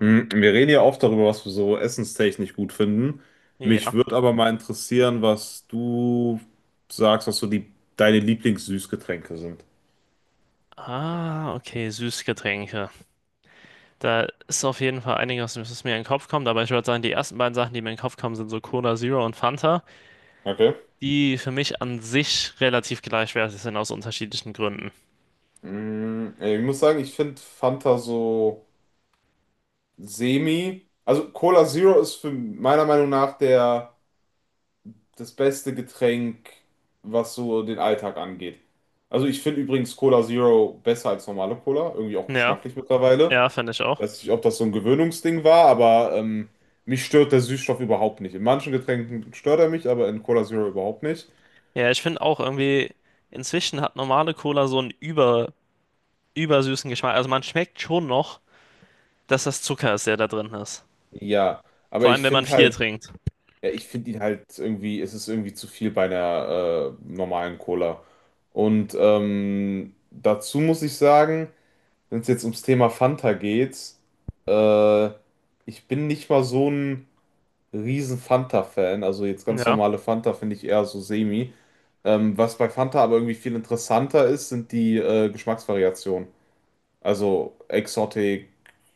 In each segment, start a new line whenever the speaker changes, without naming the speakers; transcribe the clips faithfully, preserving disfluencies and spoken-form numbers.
Hm, Wir reden ja oft darüber, was wir so essenstechnisch gut finden. Mich
Ja.
würde aber mal interessieren, was du sagst, was so die, deine Lieblingssüßgetränke sind.
Ah, okay, Süßgetränke. Da ist auf jeden Fall einiges, was mir in den Kopf kommt, aber ich würde sagen, die ersten beiden Sachen, die mir in den Kopf kommen, sind so Cola Zero und Fanta,
Okay.
die für mich an sich relativ gleichwertig sind aus unterschiedlichen Gründen.
Hm, Ich muss sagen, ich finde Fanta so semi. Also Cola Zero ist für meiner Meinung nach der, das beste Getränk, was so den Alltag angeht. Also ich finde übrigens Cola Zero besser als normale Cola, irgendwie auch
Ja,
geschmacklich mittlerweile.
ja, finde ich auch.
Weiß nicht, ob das so ein Gewöhnungsding war, aber ähm, mich stört der Süßstoff überhaupt nicht. In manchen Getränken stört er mich, aber in Cola Zero überhaupt nicht.
Ja, ich finde auch irgendwie, inzwischen hat normale Cola so einen über, übersüßen Geschmack. Also man schmeckt schon noch, dass das Zucker ist, der da drin ist.
Ja, aber
Vor allem,
ich
wenn man
finde
viel
halt,
trinkt.
ja, ich finde ihn halt irgendwie, es ist irgendwie zu viel bei einer äh, normalen Cola. Und ähm, dazu muss ich sagen, wenn es jetzt ums Thema Fanta geht, äh, ich bin nicht mal so ein riesen Fanta-Fan. Also jetzt ganz
Ja,
normale Fanta finde ich eher so semi. Ähm, was bei Fanta aber irgendwie viel interessanter ist, sind die äh, Geschmacksvariationen. Also Exotic,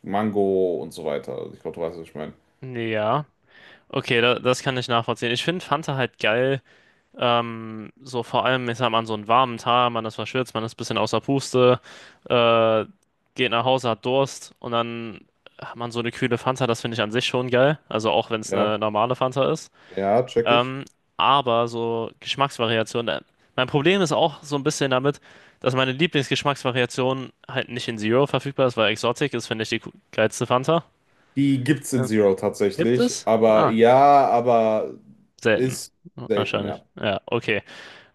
Mango und so weiter. Also ich glaube, du weißt, was ich meine.
ja. Okay, da, das kann ich nachvollziehen. Ich finde Fanta halt geil. Ähm, so vor allem, ich sag mal, an so einem warmen Tag, man ist verschwitzt, man ist ein bisschen außer Puste, äh, geht nach Hause, hat Durst und dann hat man so eine kühle Fanta, das finde ich an sich schon geil. Also auch wenn es
Ja,
eine normale Fanta ist.
ja, check ich.
Ähm, aber so Geschmacksvariationen, äh, mein Problem ist auch so ein bisschen damit, dass meine Lieblingsgeschmacksvariation halt nicht in Zero verfügbar ist, weil Exotic ist, finde ich, die ku- geilste Fanta.
Die gibt's in
Ja.
Zero
Gibt
tatsächlich,
es?
aber
Ah,
ja, aber
selten.
ist selten,
Wahrscheinlich.
ja.
Ja, okay.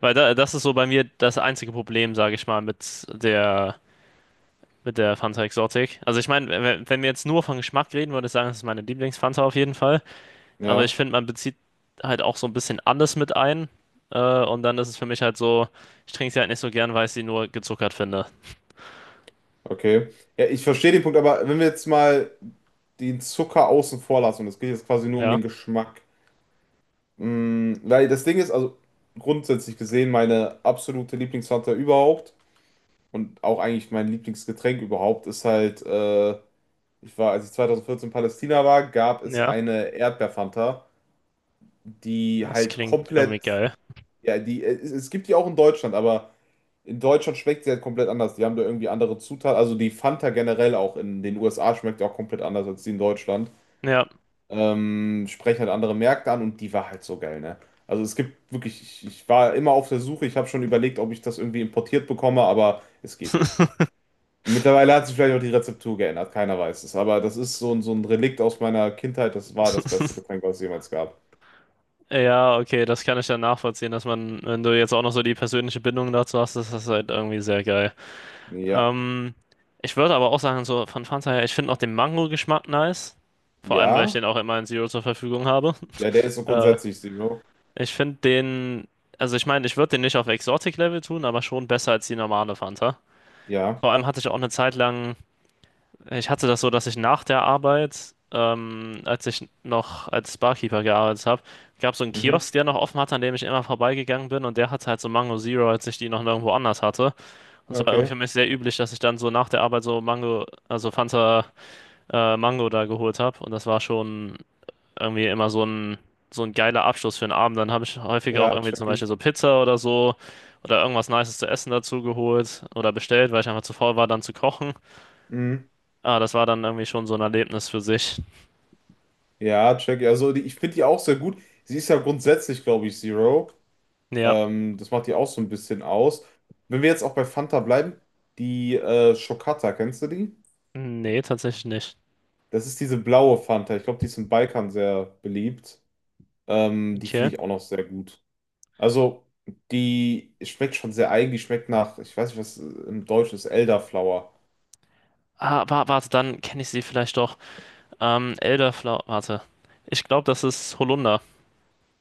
Weil da, das ist so bei mir das einzige Problem, sage ich mal, mit der, mit der Fanta Exotic. Also ich meine, wenn, wenn wir jetzt nur von Geschmack reden, würde ich sagen, das ist meine Lieblingsfanta auf jeden Fall. Aber
Ja,
ich finde, man bezieht halt auch so ein bisschen alles mit ein. Äh, und dann ist es für mich halt so, ich trinke sie halt nicht so gern, weil ich sie nur gezuckert finde.
okay. Ja, ich verstehe den Punkt, aber wenn wir jetzt mal den Zucker außen vor lassen, und es geht jetzt quasi nur um
Ja,
den Geschmack. Mm, weil das Ding ist, also grundsätzlich gesehen, meine absolute Lieblingsfanta überhaupt. Und auch eigentlich mein Lieblingsgetränk überhaupt ist halt, äh, ich war, als ich zweitausendvierzehn in Palästina war, gab es
ja,
eine Erdbeerfanta, die
das
halt
klingt
komplett,
irgendwie geil.
ja, die, äh, es, es gibt die auch in Deutschland, aber in Deutschland schmeckt sie halt komplett anders. Die haben da irgendwie andere Zutaten. Also die Fanta generell auch in den U S A schmeckt ja auch komplett anders als die in Deutschland.
Ja,
Ähm, sprechen halt andere Märkte an und die war halt so geil, ne? Also es gibt wirklich, ich, ich war immer auf der Suche, ich habe schon überlegt, ob ich das irgendwie importiert bekomme, aber es geht nicht. Mittlerweile hat sich vielleicht auch die Rezeptur geändert, keiner weiß es. Aber das ist so, ein- so ein Relikt aus meiner Kindheit. Das war das beste Getränk, was es jemals gab.
ja, okay, das kann ich dann nachvollziehen, dass man, wenn du jetzt auch noch so die persönliche Bindung dazu hast, das ist halt irgendwie sehr geil.
Ja.
Ähm, ich würde aber auch sagen, so von Fanta her, ich finde auch den Mango-Geschmack nice. Vor allem, weil ich
Ja?
den auch immer in Zero zur Verfügung habe.
Ja, der ist so
Äh,
grundsätzlich Zero.
ich finde den, also ich meine, ich würde den nicht auf Exotic-Level tun, aber schon besser als die normale Fanta.
Ja.
Vor allem hatte ich auch eine Zeit lang, ich hatte das so, dass ich nach der Arbeit, ähm, als ich noch als Barkeeper gearbeitet habe, gab so einen
Mhm.
Kiosk, der noch offen hatte, an dem ich immer vorbeigegangen bin und der hatte halt so Mango Zero, als ich die noch nirgendwo anders hatte. Das war irgendwie für
Okay.
mich sehr üblich, dass ich dann so nach der Arbeit so Mango, also Fanta äh, Mango da geholt habe. Und das war schon irgendwie immer so ein, so ein geiler Abschluss für den Abend. Dann habe ich häufiger auch
Ja,
irgendwie zum
check
Beispiel
ich.
so Pizza oder so oder irgendwas Nices zu essen dazu geholt oder bestellt, weil ich einfach zu faul war, dann zu kochen.
Mhm.
Ah, das war dann irgendwie schon so ein Erlebnis für sich.
Ja, check ich. Also die, ich finde die auch sehr gut. Sie ist ja grundsätzlich, glaube ich, Zero.
Ja,
Ähm, das macht die auch so ein bisschen aus. Wenn wir jetzt auch bei Fanta bleiben, die äh, Schokata, kennst du die?
nee, tatsächlich nicht.
Das ist diese blaue Fanta. Ich glaube, die ist im Balkan sehr beliebt. Ähm, die finde
Okay.
ich auch noch sehr gut. Also, die schmeckt schon sehr eigen. Die schmeckt nach, ich weiß nicht, was äh, im Deutsch ist, Elderflower.
Ah, wa- warte, dann kenne ich sie vielleicht doch. Ähm, Elderflower, warte. Ich glaube, das ist Holunder.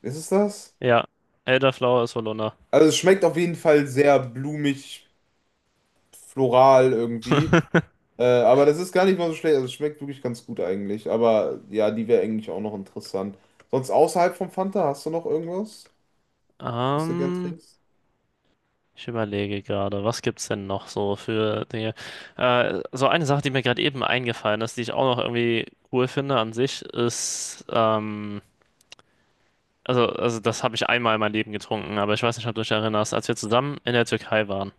Ist es das?
Ja, Elderflower ist Holunder.
Also, es schmeckt auf jeden Fall sehr blumig, floral irgendwie. Äh, aber das ist gar nicht mal so schlecht. Also, es schmeckt wirklich ganz gut eigentlich. Aber ja, die wäre eigentlich auch noch interessant. Sonst außerhalb vom Fanta, hast du noch irgendwas, was du gern
Ähm,
trinkst?
ich überlege gerade, was gibt's denn noch so für Dinge? Äh, so eine Sache, die mir gerade eben eingefallen ist, die ich auch noch irgendwie cool finde an sich, ist, ähm, also, also das habe ich einmal in meinem Leben getrunken, aber ich weiß nicht, ob du dich erinnerst, als wir zusammen in der Türkei waren.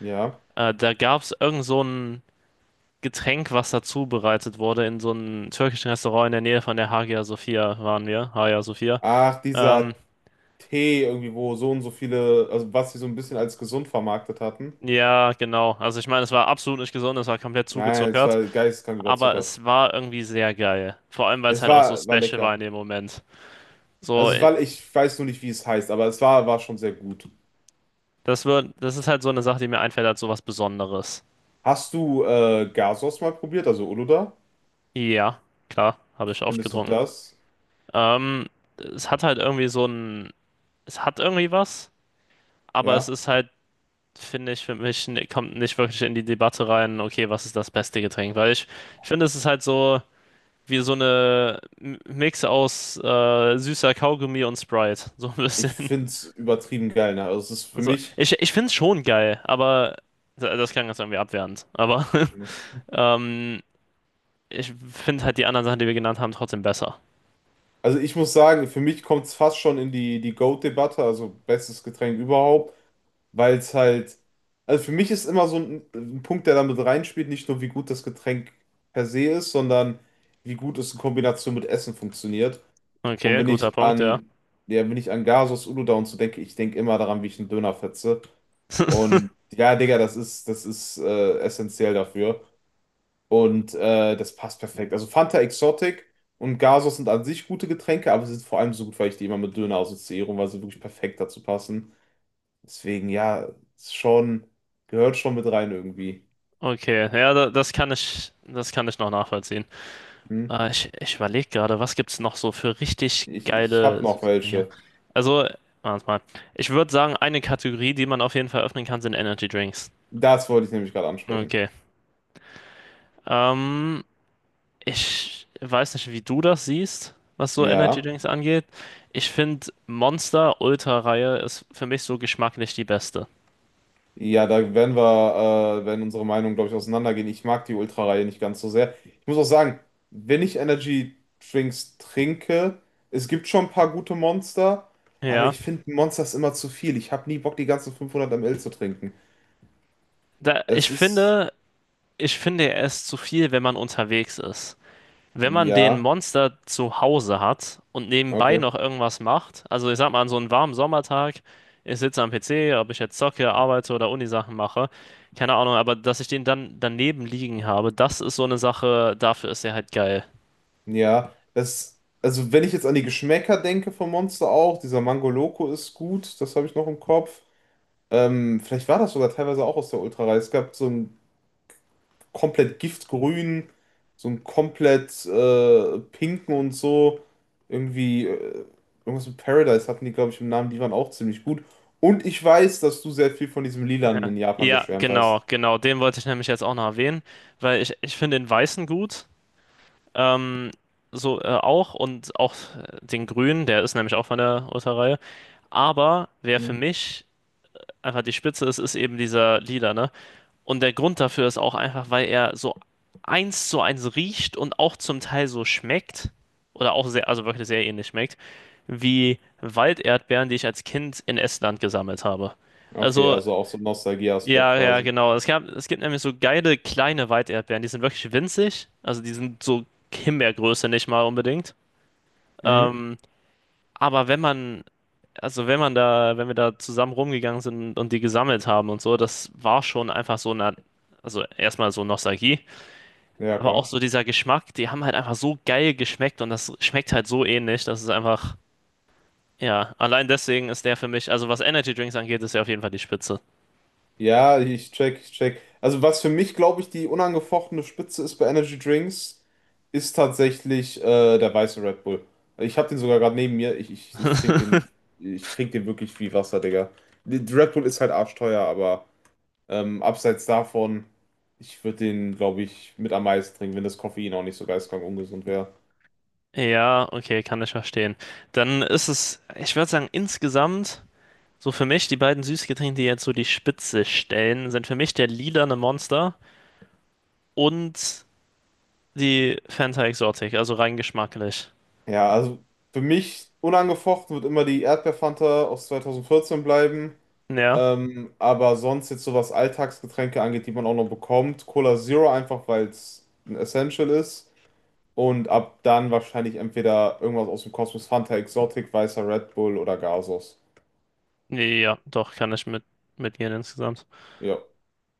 Ja.
Äh, da gab's irgend so ein Getränk, was dazu bereitet wurde in so einem türkischen Restaurant in der Nähe von der Hagia Sophia waren wir, Hagia Sophia.
Ach,
Ähm,
dieser Tee irgendwie, wo so und so viele, also was sie so ein bisschen als gesund vermarktet hatten.
ja, genau. Also ich meine, es war absolut nicht gesund, es war komplett
Nein, es
zugezuckert.
war geisteskrank
Aber
überzuckert.
es war irgendwie sehr geil. Vor allem, weil es
Es
halt auch so
war, war
special war
lecker.
in dem Moment. So,
Also,
äh,
weil ich weiß nur nicht, wie es heißt, aber es war, war schon sehr gut.
das wird, das ist halt so eine Sache, die mir einfällt als so was Besonderes.
Hast du äh, Gasos mal probiert, also Uluda?
Ja, klar, habe ich oft
Findest du
getrunken.
das?
Ähm, es hat halt irgendwie so ein, es hat irgendwie was, aber es
Ja.
ist halt, finde ich, für mich n- kommt nicht wirklich in die Debatte rein, okay, was ist das beste Getränk? Weil ich, ich finde, es ist halt so wie so eine M- Mix aus äh, süßer Kaugummi und Sprite, so ein
Ich
bisschen.
find's übertrieben geil, ne? Also, es ist für
Also,
mich,
ich, ich finde es schon geil, aber das klang jetzt irgendwie abwertend. Aber ähm, ich finde halt die anderen Sachen, die wir genannt haben, trotzdem besser.
also ich muss sagen, für mich kommt's fast schon in die, die GOAT-Debatte, also bestes Getränk überhaupt. Weil es halt, also für mich ist immer so ein, ein Punkt, der damit reinspielt, nicht nur wie gut das Getränk per se ist, sondern wie gut es in Kombination mit Essen funktioniert. Und
Okay,
wenn
guter
ich
Punkt, ja.
an, ja, wenn ich an Gasos Uludağ und so denke, ich denke immer daran, wie ich einen Döner fetze. Und ja, Digga, das ist, das ist äh, essentiell dafür. Und äh, das passt perfekt. Also Fanta Exotic und Gasos sind an sich gute Getränke, aber sie sind vor allem so gut, weil ich die immer mit Döner assoziiere, und weil sie wirklich perfekt dazu passen. Deswegen, ja, ist schon, gehört schon mit rein irgendwie.
Okay, ja, da- das kann ich, das kann ich noch nachvollziehen.
Hm?
Äh, ich ich überlege gerade, was gibt's noch so für richtig
Ich, ich habe
geile
noch
Süßigkeiten hier?
welche.
Also, warte mal. Ich würde sagen, eine Kategorie, die man auf jeden Fall öffnen kann, sind Energy Drinks.
Das wollte ich nämlich gerade ansprechen.
Okay. Ähm, ich weiß nicht, wie du das siehst, was so Energy
Ja.
Drinks angeht. Ich finde Monster Ultra-Reihe ist für mich so geschmacklich die beste.
Ja, da werden wir, äh, werden unsere Meinungen, glaube ich, auseinandergehen. Ich mag die Ultra-Reihe nicht ganz so sehr. Ich muss auch sagen, wenn ich Energy Drinks trinke, es gibt schon ein paar gute Monster, aber
Ja,
ich finde Monsters immer zu viel. Ich habe nie Bock, die ganzen fünfhundert Milliliter zu trinken.
da, ich
Es ist,
finde, ich finde er ist zu viel, wenn man unterwegs ist. Wenn man den
ja,
Monster zu Hause hat und nebenbei
okay.
noch irgendwas macht, also ich sag mal, an so einem warmen Sommertag, ich sitze am P C, ob ich jetzt zocke, arbeite oder Unisachen mache, keine Ahnung, aber dass ich den dann daneben liegen habe, das ist so eine Sache, dafür ist er halt geil.
Ja, das, also wenn ich jetzt an die Geschmäcker denke vom Monster auch, dieser Mango Loco ist gut, das habe ich noch im Kopf. Ähm, vielleicht war das sogar teilweise auch aus der Ultra-Reihe. Es gab so einen komplett giftgrünen, so einen komplett äh, pinken und so. Irgendwie, äh, irgendwas mit Paradise hatten die, glaube ich, im Namen, die waren auch ziemlich gut. Und ich weiß, dass du sehr viel von diesem Lilanen
Ja.
in Japan
Ja,
geschwärmt hast.
genau, genau. Den wollte ich nämlich jetzt auch noch erwähnen, weil ich, ich finde den Weißen gut. Ähm, so äh, auch und auch äh, den Grünen, der ist nämlich auch von der Urter-Reihe. Aber wer für
Mhm.
mich einfach die Spitze ist, ist eben dieser Lila, ne? Und der Grund dafür ist auch einfach, weil er so eins zu eins riecht und auch zum Teil so schmeckt. Oder auch sehr, also wirklich sehr ähnlich schmeckt, wie Walderdbeeren, die ich als Kind in Estland gesammelt habe.
Okay,
Also.
also auch so ein Nostalgie-Aspekt
Ja, ja,
quasi.
genau. Es gab, es gibt nämlich so geile kleine Weiterdbeeren, die sind wirklich winzig. Also die sind so Himbeergröße nicht mal unbedingt.
Mhm.
Ähm, aber wenn man, also wenn man da, wenn wir da zusammen rumgegangen sind und die gesammelt haben und so, das war schon einfach so eine, also erstmal so Nostalgie,
Ja,
aber auch
klar.
so dieser Geschmack, die haben halt einfach so geil geschmeckt und das schmeckt halt so ähnlich, dass es einfach, ja, allein deswegen ist der für mich, also was Energy Drinks angeht, ist der auf jeden Fall die Spitze.
Ja, ich check, ich check. Also was für mich, glaube ich, die unangefochtene Spitze ist bei Energy Drinks, ist tatsächlich äh, der weiße Red Bull. Ich habe den sogar gerade neben mir. Ich, ich, ich trinke den, ich trinke den wirklich wie Wasser, Digga. Die- die Red Bull ist halt arschteuer, aber ähm, abseits davon, ich würde den, glaube ich, mit am meisten trinken, wenn das Koffein auch nicht so geistkrank ungesund wäre.
Ja, okay, kann ich verstehen. Dann ist es, ich würde sagen, insgesamt, so für mich, die beiden Süßgetränke, die jetzt so die Spitze stellen, sind für mich der lilane Monster und die Fanta Exotic, also rein geschmacklich.
Ja, also für mich unangefochten wird immer die Erdbeerfanta aus zweitausendvierzehn bleiben.
Ja,
Ähm, aber sonst jetzt so was Alltagsgetränke angeht, die man auch noch bekommt, Cola Zero einfach, weil es ein Essential ist. Und ab dann wahrscheinlich entweder irgendwas aus dem Kosmos, Fanta Exotic, weißer Red Bull oder Gasos.
ja, doch, kann ich mit, mitgehen insgesamt.
Ja.